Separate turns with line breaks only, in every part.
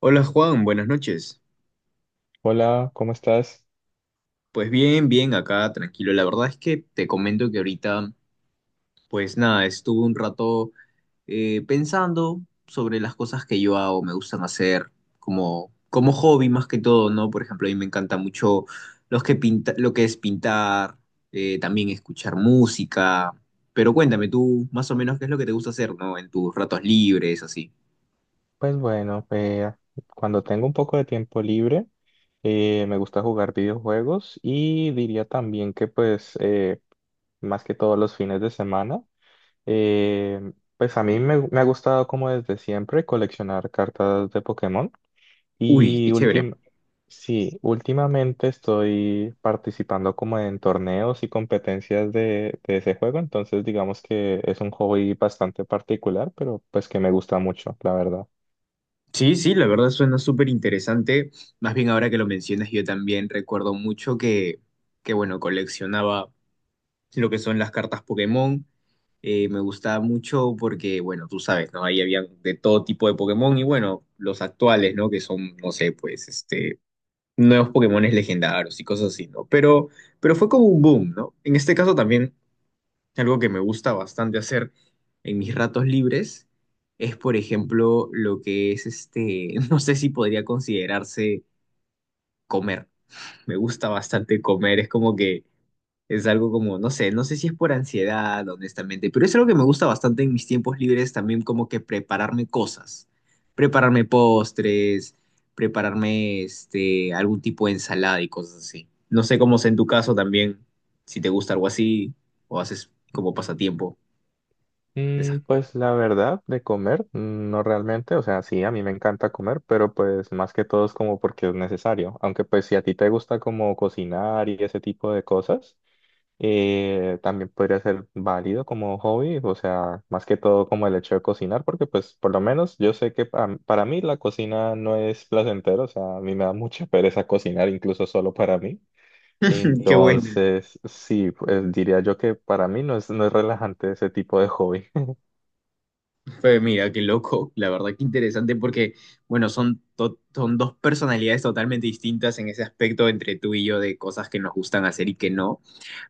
Hola Juan, buenas noches.
Hola, ¿cómo estás?
Pues bien, bien, acá tranquilo. La verdad es que te comento que ahorita, pues nada, estuve un rato pensando sobre las cosas que yo hago, me gustan hacer como hobby más que todo, ¿no? Por ejemplo, a mí me encanta mucho los que pinta, lo que es pintar, también escuchar música. Pero cuéntame tú más o menos qué es lo que te gusta hacer, ¿no? En tus ratos libres, así.
Pues bueno, cuando tengo un poco de tiempo libre, me gusta jugar videojuegos y diría también que pues más que todos los fines de semana, eh, pues a mí me ha gustado como desde siempre coleccionar cartas de Pokémon.
Uy,
Y
qué chévere.
últim Sí, últimamente estoy participando como en torneos y competencias de ese juego, entonces digamos que es un hobby bastante particular, pero pues que me gusta mucho, la verdad.
Sí, sí, la verdad suena súper interesante. Más bien ahora que lo mencionas, yo también recuerdo mucho que bueno, coleccionaba lo que son las cartas Pokémon. Me gustaba mucho porque, bueno, tú sabes, ¿no? Ahí había de todo tipo de Pokémon y, bueno, los actuales, ¿no? Que son, no sé, pues, este, nuevos Pokémones legendarios y cosas así, ¿no? Pero fue como un boom, ¿no? En este caso también algo que me gusta bastante hacer en mis ratos libres es, por ejemplo, lo que es este, no sé si podría considerarse comer. Me gusta bastante comer, es como que es algo como, no sé, no sé si es por ansiedad, honestamente, pero es algo que me gusta bastante en mis tiempos libres también como que prepararme cosas, prepararme postres, prepararme este, algún tipo de ensalada y cosas así. No sé cómo es en tu caso también, si te gusta algo así o haces como pasatiempo. Esas
Mm,
cosas.
pues la verdad, de comer, mm, no realmente, o sea, sí, a mí me encanta comer, pero pues más que todo es como porque es necesario, aunque pues si a ti te gusta como cocinar y ese tipo de cosas. También podría ser válido como hobby, o sea, más que todo como el hecho de cocinar, porque pues por lo menos yo sé que para mí la cocina no es placentero, o sea, a mí me da mucha pereza cocinar incluso solo para mí.
Qué bueno.
Entonces, sí, pues diría yo que para mí no es relajante ese tipo de hobby.
Pues mira, qué loco. La verdad que interesante porque, bueno, son dos personalidades totalmente distintas en ese aspecto entre tú y yo de cosas que nos gustan hacer y que no.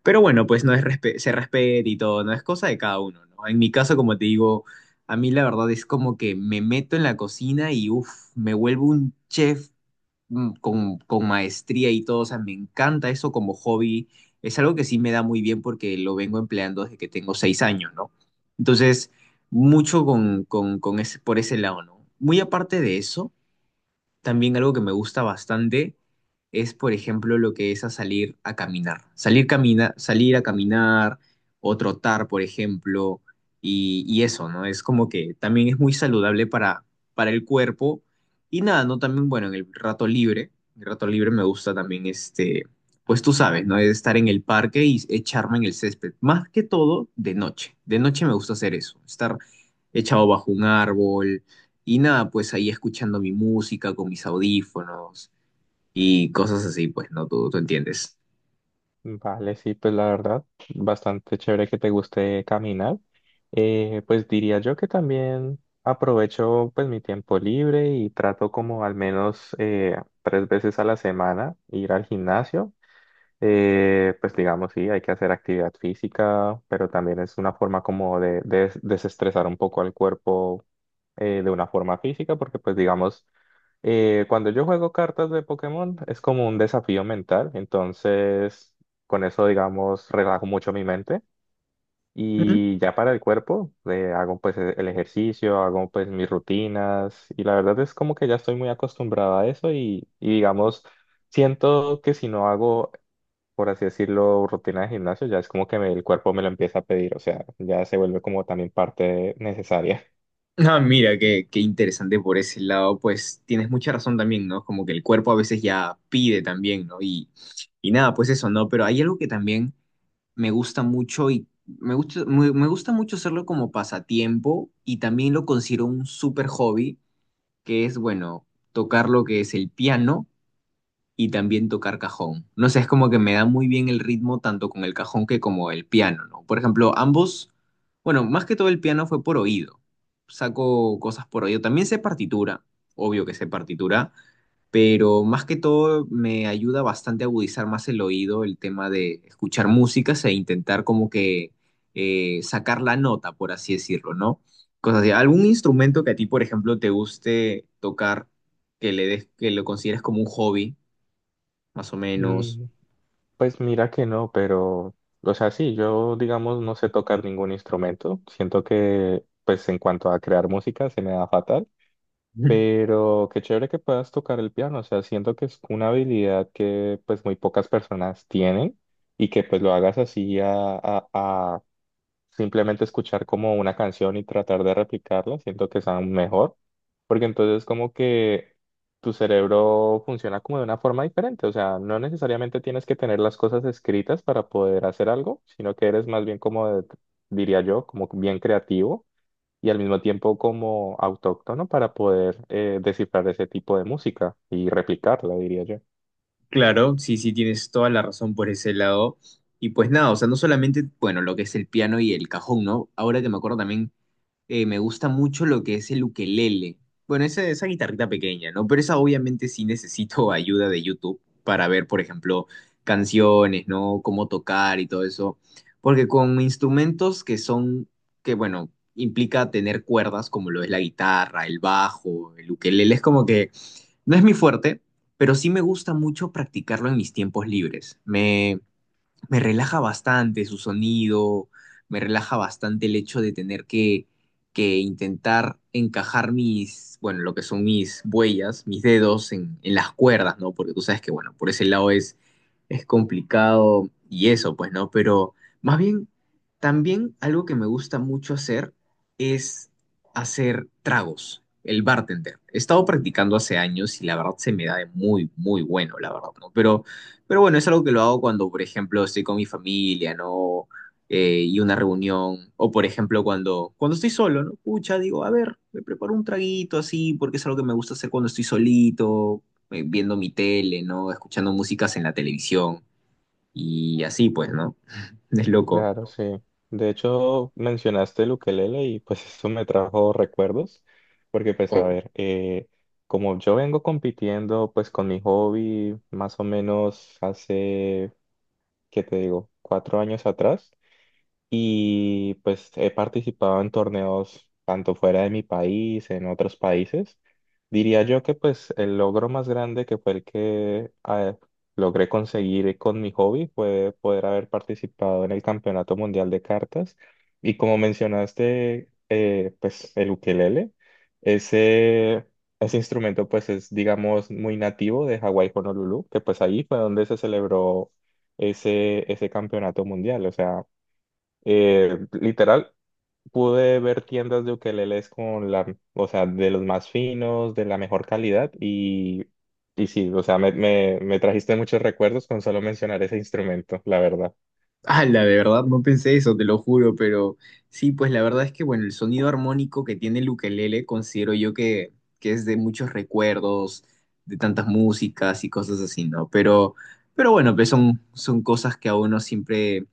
Pero bueno, pues no es se respeta y todo, no es cosa de cada uno, ¿no? En mi caso, como te digo, a mí la verdad es como que me meto en la cocina y uff, me vuelvo un chef con maestría y todo. O sea, me encanta eso como hobby. Es algo que sí me da muy bien porque lo vengo empleando desde que tengo 6 años, ¿no? Entonces, mucho con ese, por ese lado, ¿no? Muy aparte de eso. También algo que me gusta bastante es, por ejemplo, lo que es a salir a caminar. Salir a caminar o trotar, por ejemplo, y eso, ¿no? Es como que también es muy saludable para el cuerpo. Y nada, ¿no? También, bueno, en el rato libre me gusta también, este, pues tú sabes, ¿no? Es Estar en el parque y echarme en el césped. Más que todo de noche. De noche me gusta hacer eso, estar echado bajo un árbol y nada, pues ahí escuchando mi música con mis audífonos y cosas así, pues no, tú entiendes.
Vale, sí, pues la verdad, bastante chévere que te guste caminar. Pues diría yo que también aprovecho pues mi tiempo libre y trato como al menos 3 veces a la semana ir al gimnasio. Pues digamos, sí, hay que hacer actividad física, pero también es una forma como de desestresar un poco al cuerpo de una forma física, porque pues digamos, cuando yo juego cartas de Pokémon es como un desafío mental, entonces con eso, digamos, relajo mucho mi mente
Ujú.
y ya para el cuerpo hago pues el ejercicio, hago pues mis rutinas y la verdad es como que ya estoy muy acostumbrado a eso y digamos, siento que si no hago, por así decirlo, rutina de gimnasio, ya es como que el cuerpo me lo empieza a pedir, o sea, ya se vuelve como también parte necesaria.
Ah, mira, qué, qué interesante por ese lado, pues tienes mucha razón también, ¿no? Como que el cuerpo a veces ya pide también, ¿no? Y nada, pues eso, ¿no? Pero hay algo que también me gusta mucho y me gusta, me gusta mucho hacerlo como pasatiempo y también lo considero un súper hobby, que es, bueno, tocar lo que es el piano y también tocar cajón. No sé, es como que me da muy bien el ritmo tanto con el cajón que como el piano, ¿no? Por ejemplo, ambos, bueno, más que todo el piano fue por oído. Saco cosas por oído. También sé partitura, obvio que sé partitura, pero más que todo me ayuda bastante a agudizar más el oído el tema de escuchar músicas e intentar como que sacar la nota, por así decirlo, ¿no? Cosas así. ¿Algún instrumento que a ti, por ejemplo, te guste tocar, que le des, que lo consideres como un hobby? Más o menos.
Mm. Pues mira que no, pero, o sea, sí, yo digamos no sé tocar ningún instrumento. Siento que, pues en cuanto a crear música, se me da fatal, pero qué chévere que puedas tocar el piano. O sea, siento que es una habilidad que pues muy pocas personas tienen y que pues lo hagas así a, simplemente escuchar como una canción y tratar de replicarla, siento que es aún mejor, porque entonces como que tu cerebro funciona como de una forma diferente, o sea, no necesariamente tienes que tener las cosas escritas para poder hacer algo, sino que eres más bien como, diría yo, como bien creativo y al mismo tiempo como autóctono para poder descifrar ese tipo de música y replicarla, diría yo.
Claro, sí, sí, tienes toda la razón por ese lado. Y pues nada, o sea, no solamente, bueno, lo que es el piano y el cajón, ¿no? Ahora que me acuerdo también, me gusta mucho lo que es el ukelele. Bueno, esa guitarrita pequeña, ¿no? Pero esa obviamente sí necesito ayuda de YouTube para ver, por ejemplo, canciones, ¿no? Cómo tocar y todo eso. Porque con instrumentos que son, que bueno, implica tener cuerdas, como lo es la guitarra, el bajo, el ukelele, es como que no es mi fuerte, pero sí me gusta mucho practicarlo en mis tiempos libres. Me relaja bastante su sonido, me relaja bastante el hecho de tener que intentar encajar mis, bueno, lo que son mis huellas, mis dedos en las cuerdas, ¿no? Porque tú sabes que, bueno, por ese lado es complicado y eso, pues, ¿no? Pero más bien, también algo que me gusta mucho hacer es hacer tragos. El bartender. He estado practicando hace años y la verdad se me da de muy, muy bueno, la verdad, ¿no? Pero bueno, es algo que lo hago cuando, por ejemplo, estoy con mi familia, ¿no? Y una reunión, o por ejemplo, cuando estoy solo, ¿no? Pucha, digo, a ver, me preparo un traguito así, porque es algo que me gusta hacer cuando estoy solito, viendo mi tele, ¿no? Escuchando músicas en la televisión y así, pues, ¿no? Es loco.
Claro, sí. De hecho, mencionaste el ukelele y pues eso me trajo recuerdos, porque pues a ver, como yo vengo compitiendo pues con mi hobby más o menos hace, ¿qué te digo?, 4 años atrás y pues he participado en torneos tanto fuera de mi país, en otros países. Diría yo que pues el logro más grande que fue el que logré conseguir con mi hobby fue poder haber participado en el Campeonato Mundial de Cartas. Y como mencionaste, pues el ukelele, ese, ese instrumento pues es digamos muy nativo de Hawái, Honolulu, que pues ahí fue donde se celebró ese campeonato mundial. O sea, literal, pude ver tiendas de ukeleles con la, o sea, de los más finos, de la mejor calidad y sí, o sea, me trajiste muchos recuerdos con solo mencionar ese instrumento, la verdad.
La de verdad, no pensé eso, te lo juro, pero sí, pues la verdad es que, bueno, el sonido armónico que tiene el ukelele considero yo que es de muchos recuerdos, de tantas músicas y cosas así, ¿no? Pero bueno, pues son cosas que a uno siempre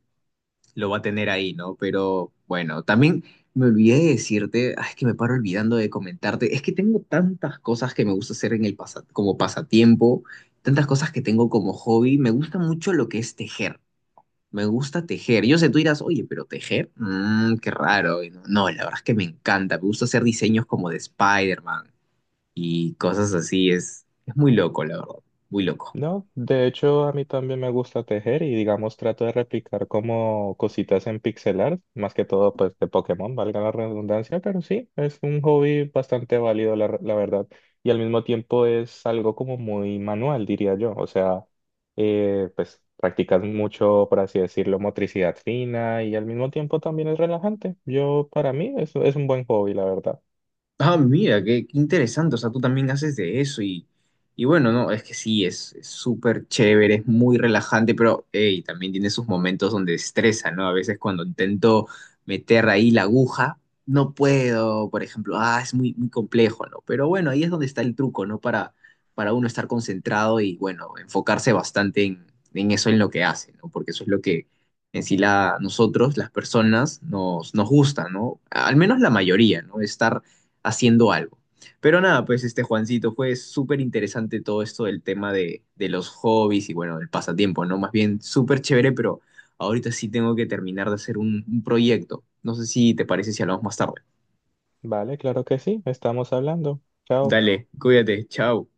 lo va a tener ahí, ¿no? Pero bueno, también me olvidé de decirte, ay, es que me paro olvidando de comentarte, es que tengo tantas cosas que me gusta hacer en el como pasatiempo, tantas cosas que tengo como hobby, me gusta mucho lo que es tejer. Me gusta tejer. Yo sé, tú dirás, oye, pero tejer, mm, qué raro. Y no, no, la verdad es que me encanta. Me gusta hacer diseños como de Spider-Man y cosas así. Es muy loco, la verdad. Muy loco.
No, de hecho a mí también me gusta tejer y digamos trato de replicar como cositas en pixel art, más que todo pues de Pokémon, valga la redundancia, pero sí, es un hobby bastante válido la verdad y al mismo tiempo es algo como muy manual diría yo, o sea, pues practicas mucho, por así decirlo, motricidad fina y al mismo tiempo también es relajante. Yo para mí es un buen hobby la verdad.
Ah, mira, qué, qué interesante. O sea, tú también haces de eso y bueno, no, es que sí, es súper chévere, es muy relajante, pero hey, también tiene sus momentos donde estresa, ¿no? A veces cuando intento meter ahí la aguja, no puedo, por ejemplo, ah, es muy, muy complejo, ¿no? Pero bueno, ahí es donde está el truco, ¿no? Para uno estar concentrado y, bueno, enfocarse bastante en eso, en lo que hace, ¿no? Porque eso es lo que en sí la, nosotros, las personas, nos gusta, ¿no? Al menos la mayoría, ¿no? Estar haciendo algo. Pero nada, pues este Juancito, fue súper interesante todo esto del tema de los hobbies y bueno, el pasatiempo, ¿no? Más bien súper chévere, pero ahorita sí tengo que terminar de hacer un proyecto. No sé si te parece si hablamos más tarde.
Vale, claro que sí, estamos hablando. Chao.
Dale, cuídate, chao.